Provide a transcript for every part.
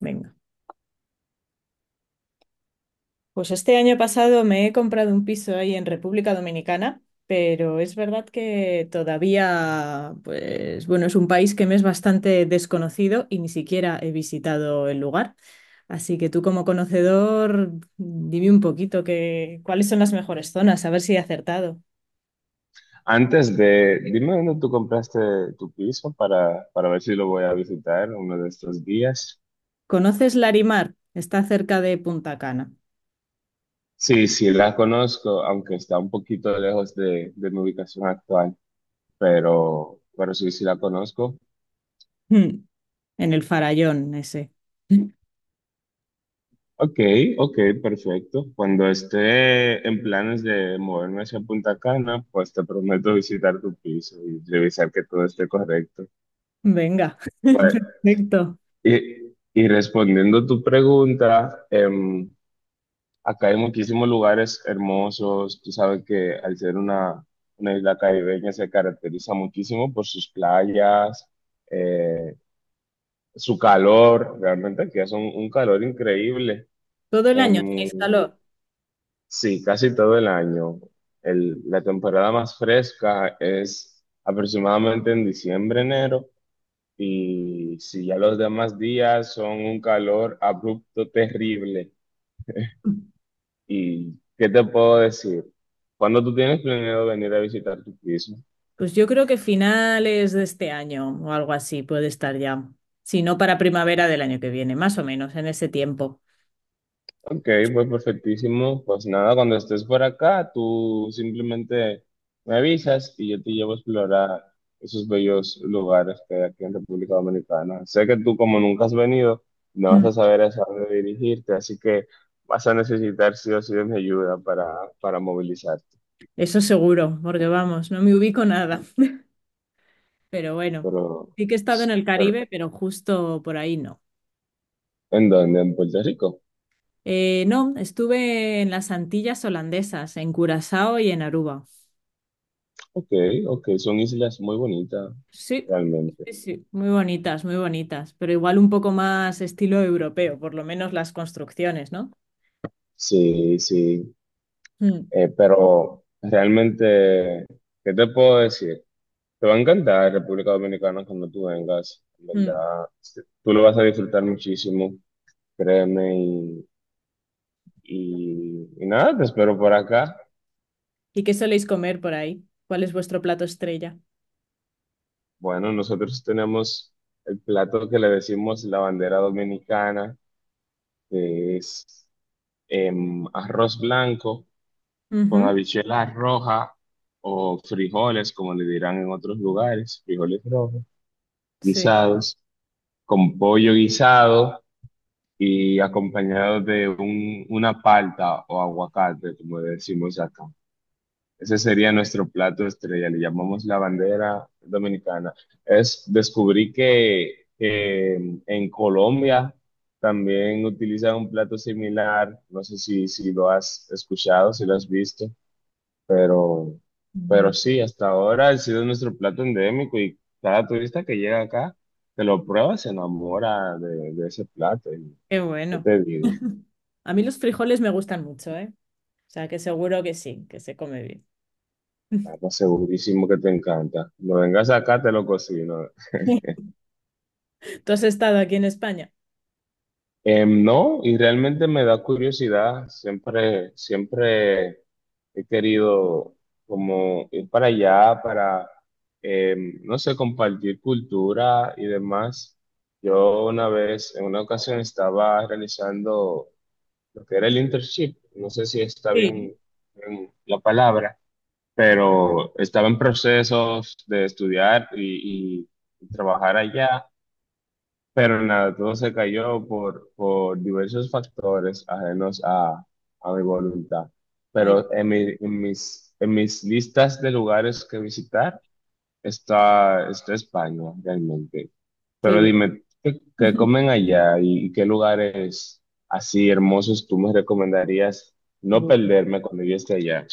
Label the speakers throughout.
Speaker 1: Venga. Pues este año pasado me he comprado un piso ahí en República Dominicana, pero es verdad que todavía, pues bueno, es un país que me es bastante desconocido y ni siquiera he visitado el lugar. Así que tú como conocedor, dime un poquito cuáles son las mejores zonas, a ver si he acertado.
Speaker 2: Dime dónde tú compraste tu piso para, ver si lo voy a visitar uno de estos días.
Speaker 1: ¿Conoces Larimar? Está cerca de Punta Cana.
Speaker 2: Sí, sí, la conozco, aunque está un poquito lejos de mi ubicación actual, pero sí, sí la conozco.
Speaker 1: Mm. En el Farallón ese.
Speaker 2: Ok, ok, perfecto. Cuando esté en planes de moverme hacia Punta Cana, pues te prometo visitar tu piso y revisar que todo esté correcto.
Speaker 1: Venga.
Speaker 2: Bueno,
Speaker 1: Perfecto.
Speaker 2: y, y respondiendo a tu pregunta, acá hay muchísimos lugares hermosos. Tú sabes que al ser una isla caribeña se caracteriza muchísimo por sus playas, eh, su calor. Realmente aquí hace un calor increíble.
Speaker 1: Todo el año
Speaker 2: Em,
Speaker 1: tenéis calor.
Speaker 2: sí, casi todo el año. La temporada más fresca es aproximadamente en diciembre, enero. Y si ya los demás días son un calor abrupto, terrible. ¿Y qué te puedo decir? ¿Cuando tú tienes planeado venir a visitar tu piso?
Speaker 1: Pues yo creo que finales de este año o algo así puede estar ya. Si no, para primavera del año que viene, más o menos, en ese tiempo.
Speaker 2: Ok, pues perfectísimo. Pues nada, cuando estés por acá, tú simplemente me avisas y yo te llevo a explorar esos bellos lugares que hay aquí en República Dominicana. Sé que tú, como nunca has venido, no vas
Speaker 1: Mm.
Speaker 2: a saber hacia dónde dirigirte, así que vas a necesitar sí o sí de mi ayuda para, movilizarte.
Speaker 1: Eso seguro, porque vamos, no me ubico nada. Pero bueno,
Speaker 2: Pero,
Speaker 1: sí que he estado en el
Speaker 2: pero,
Speaker 1: Caribe, pero justo por ahí no.
Speaker 2: ¿En dónde? ¿En Puerto Rico?
Speaker 1: No, estuve en las Antillas holandesas, en Curazao y en Aruba.
Speaker 2: Ok, ok, son islas muy bonitas,
Speaker 1: Sí,
Speaker 2: realmente.
Speaker 1: sí, sí, muy bonitas, pero igual un poco más estilo europeo, por lo menos las construcciones, ¿no?
Speaker 2: Sí, sí,
Speaker 1: Mm.
Speaker 2: pero realmente, ¿qué te puedo decir? Te va a encantar República Dominicana cuando tú vengas, en
Speaker 1: Mm.
Speaker 2: verdad. Este, tú lo vas a disfrutar muchísimo, créeme, y nada, te espero por acá.
Speaker 1: ¿Y qué soléis comer por ahí? ¿Cuál es vuestro plato estrella?
Speaker 2: Bueno, nosotros tenemos el plato que le decimos la bandera dominicana, que es arroz blanco con
Speaker 1: Ujú.
Speaker 2: habichuelas rojas o frijoles, como le dirán en otros lugares, frijoles rojos,
Speaker 1: Sí.
Speaker 2: guisados, con pollo guisado y acompañado de una palta o aguacate, como decimos acá. Ese sería nuestro plato estrella, le llamamos la bandera dominicana. Es, descubrí que en Colombia también utilizan un plato similar, no sé si lo has escuchado, si lo has visto. Pero, pero
Speaker 1: Mm.
Speaker 2: sí, hasta ahora ha sido nuestro plato endémico y cada turista que llega acá, que lo prueba, se enamora de ese plato. Y,
Speaker 1: Qué
Speaker 2: ¿qué
Speaker 1: bueno.
Speaker 2: te digo?
Speaker 1: A mí los frijoles me gustan mucho, ¿eh? O sea, que seguro que sí, que se come bien.
Speaker 2: Estamos segurísimo que te encanta. No vengas acá, te lo cocino.
Speaker 1: ¿Tú has estado aquí en España?
Speaker 2: No, y realmente me da curiosidad, siempre, siempre he querido como ir para allá, para, no sé, compartir cultura y demás. Yo una vez, en una ocasión, estaba realizando lo que era el internship, no sé si está
Speaker 1: Sí.
Speaker 2: bien, la palabra, pero estaba en procesos de estudiar y trabajar allá. Pero nada, todo se cayó por, diversos factores ajenos a mi voluntad.
Speaker 1: Ay,
Speaker 2: Pero en, en mis listas de lugares que visitar está, está España realmente.
Speaker 1: qué
Speaker 2: Pero
Speaker 1: bien.
Speaker 2: dime, qué comen allá y, qué lugares así hermosos tú me recomendarías no
Speaker 1: Bueno.
Speaker 2: perderme cuando yo esté allá?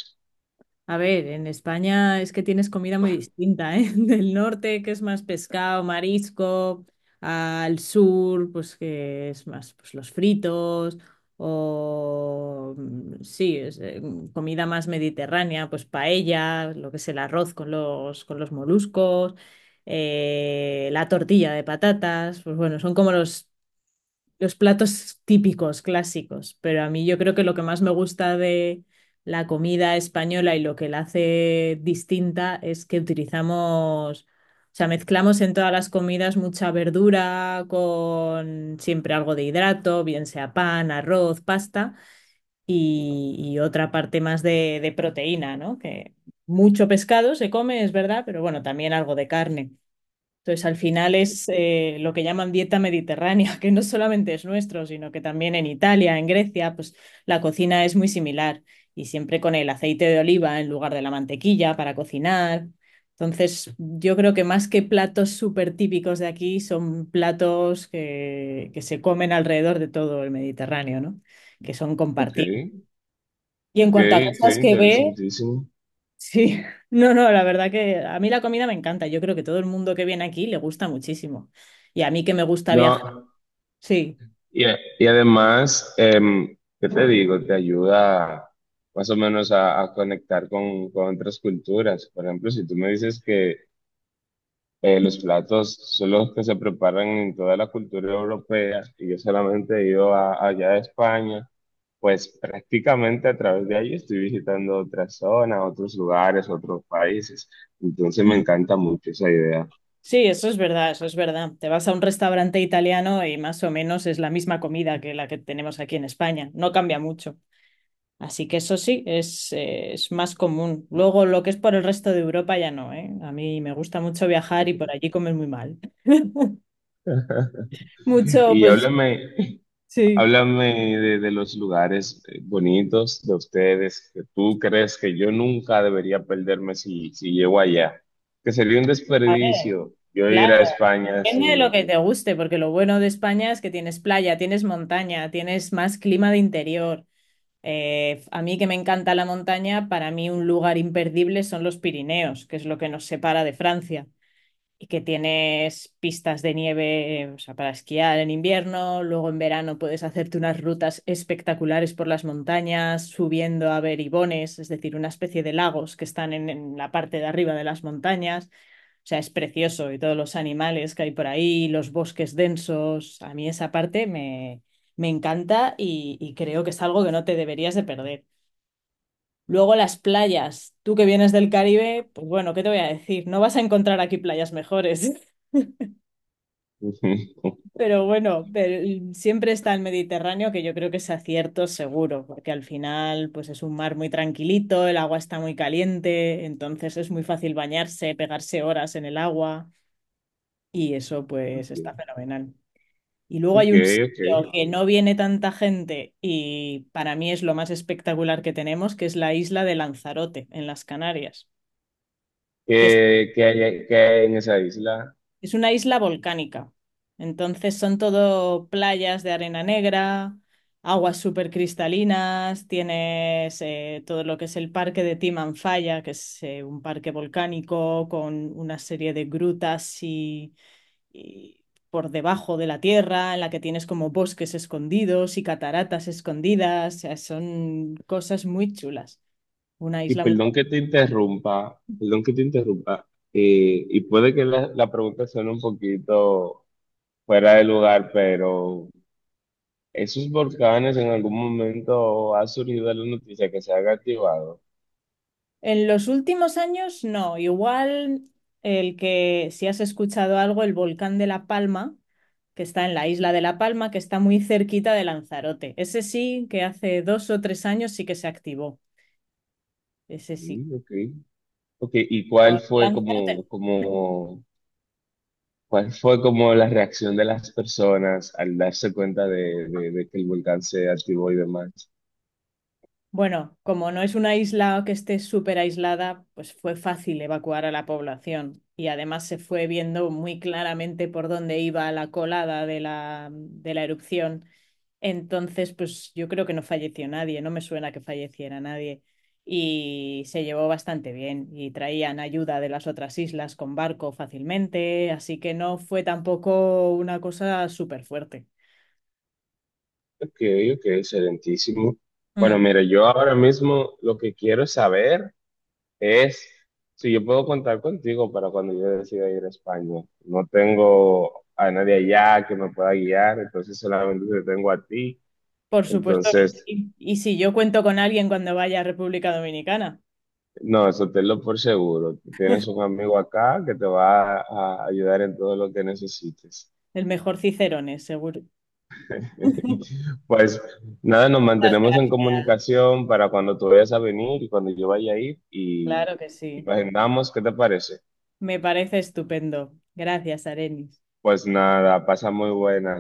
Speaker 1: A ver, en España es que tienes comida muy distinta, ¿eh? Del norte, que es más pescado, marisco, al sur, pues que es más pues, los fritos, o sí, comida más mediterránea, pues paella, lo que es el arroz con los moluscos, la tortilla de patatas, pues bueno, son como los platos típicos, clásicos, pero a mí yo creo que lo que más me gusta de la comida española y lo que la hace distinta es que utilizamos, o sea, mezclamos en todas las comidas mucha verdura con siempre algo de hidrato, bien sea pan, arroz, pasta y otra parte más de proteína, ¿no? Que mucho pescado se come, es verdad, pero bueno, también algo de carne. Entonces, al final es lo que llaman dieta mediterránea, que no solamente es nuestro, sino que también en Italia, en Grecia, pues la cocina es muy similar y siempre con el aceite de oliva en lugar de la mantequilla para cocinar. Entonces, yo creo que más que platos súper típicos de aquí, son platos que se comen alrededor de todo el Mediterráneo, ¿no? Que son
Speaker 2: Ok,
Speaker 1: compartidos. Y en
Speaker 2: ok,
Speaker 1: cuanto a
Speaker 2: ok,
Speaker 1: cosas que ver.
Speaker 2: interesantísimo.
Speaker 1: Sí, no, no, la verdad que a mí la comida me encanta. Yo creo que todo el mundo que viene aquí le gusta muchísimo. Y a mí que me gusta viajar,
Speaker 2: No.
Speaker 1: sí.
Speaker 2: Y, y además, ¿qué te digo? Te ayuda más o menos a conectar con otras culturas. Por ejemplo, si tú me dices que los platos son los que se preparan en toda la cultura europea y yo solamente he ido allá a España, pues prácticamente a través de ahí estoy visitando otras zonas, otros lugares, otros países. Entonces me
Speaker 1: Mm.
Speaker 2: encanta mucho esa idea.
Speaker 1: Sí, eso es verdad, eso es verdad. Te vas a un restaurante italiano y más o menos es la misma comida que la que tenemos aquí en España. No cambia mucho. Así que eso sí, es más común. Luego, lo que es por el resto de Europa ya no, ¿eh? A mí me gusta mucho viajar y por allí comer muy mal. Mucho,
Speaker 2: Y
Speaker 1: pues
Speaker 2: háblame,
Speaker 1: sí.
Speaker 2: Háblame de los lugares bonitos de ustedes que tú crees que yo nunca debería perderme si llego allá. Que sería un
Speaker 1: A ver.
Speaker 2: desperdicio yo ir a
Speaker 1: Claro,
Speaker 2: España
Speaker 1: depende de lo
Speaker 2: sin...
Speaker 1: que te guste, porque lo bueno de España es que tienes playa, tienes montaña, tienes más clima de interior. A mí que me encanta la montaña, para mí un lugar imperdible son los Pirineos, que es lo que nos separa de Francia, y que tienes pistas de nieve, o sea, para esquiar en invierno, luego en verano puedes hacerte unas rutas espectaculares por las montañas, subiendo a beribones, es decir, una especie de lagos que están en la parte de arriba de las montañas. O sea, es precioso y todos los animales que hay por ahí, los bosques densos. A mí esa parte me encanta y creo que es algo que no te deberías de perder. Luego las playas. Tú que vienes del Caribe, pues bueno, ¿qué te voy a decir? No vas a encontrar aquí playas mejores, pero bueno, pero siempre está el Mediterráneo, que yo creo que es acierto seguro, porque al final pues es un mar muy tranquilito, el agua está muy caliente, entonces es muy fácil bañarse, pegarse horas en el agua y eso pues está fenomenal. Y luego
Speaker 2: Ok,
Speaker 1: hay un sitio
Speaker 2: ok.
Speaker 1: que no viene tanta gente y para mí es lo más espectacular que tenemos, que es la isla de Lanzarote, en las Canarias, que es,
Speaker 2: ¿Qué, qué hay en esa isla?
Speaker 1: es una isla volcánica. Entonces son todo playas de arena negra, aguas súper cristalinas, tienes todo lo que es el parque de Timanfaya, que es un parque volcánico con una serie de grutas y por debajo de la tierra, en la que tienes como bosques escondidos y cataratas escondidas, o sea, son cosas muy chulas. Una
Speaker 2: Y
Speaker 1: isla muy
Speaker 2: perdón
Speaker 1: bonita.
Speaker 2: que te interrumpa, perdón que te interrumpa. Y puede que la pregunta suene un poquito fuera de lugar, pero esos volcanes en algún momento ha surgido la noticia que se han activado.
Speaker 1: En los últimos años, no, igual el que, si has escuchado algo, el volcán de La Palma, que está en la isla de La Palma, que está muy cerquita de Lanzarote. Ese sí, que hace 2 o 3 años sí que se activó. Ese sí.
Speaker 2: Mm, ok. Ok, ¿y cuál
Speaker 1: Pero
Speaker 2: fue
Speaker 1: Lanzarote no.
Speaker 2: como, cuál fue como la reacción de las personas al darse cuenta de que el volcán se activó y demás?
Speaker 1: Bueno, como no es una isla que esté súper aislada, pues fue fácil evacuar a la población y además se fue viendo muy claramente por dónde iba la colada de la, erupción. Entonces, pues yo creo que no falleció nadie, no me suena que falleciera nadie y se llevó bastante bien y traían ayuda de las otras islas con barco fácilmente, así que no fue tampoco una cosa súper fuerte.
Speaker 2: Ok, ok, excelentísimo. Bueno, mira, yo ahora mismo lo que quiero saber es si yo puedo contar contigo para cuando yo decida ir a España. No tengo a nadie allá que me pueda guiar, entonces solamente te tengo a ti.
Speaker 1: Por supuesto que
Speaker 2: Entonces,
Speaker 1: sí. Y si yo cuento con alguien cuando vaya a República Dominicana,
Speaker 2: no, eso tenlo por seguro. Tienes un amigo acá que te va a ayudar en todo lo que necesites.
Speaker 1: el mejor Cicerones, seguro.
Speaker 2: Pues nada, nos
Speaker 1: Muchas
Speaker 2: mantenemos en
Speaker 1: gracias,
Speaker 2: comunicación para cuando tú vayas a venir y cuando yo vaya a ir
Speaker 1: claro que
Speaker 2: y
Speaker 1: sí.
Speaker 2: agendamos, ¿qué te parece?
Speaker 1: Me parece estupendo. Gracias, Arenis.
Speaker 2: Pues nada, pasa muy buenas.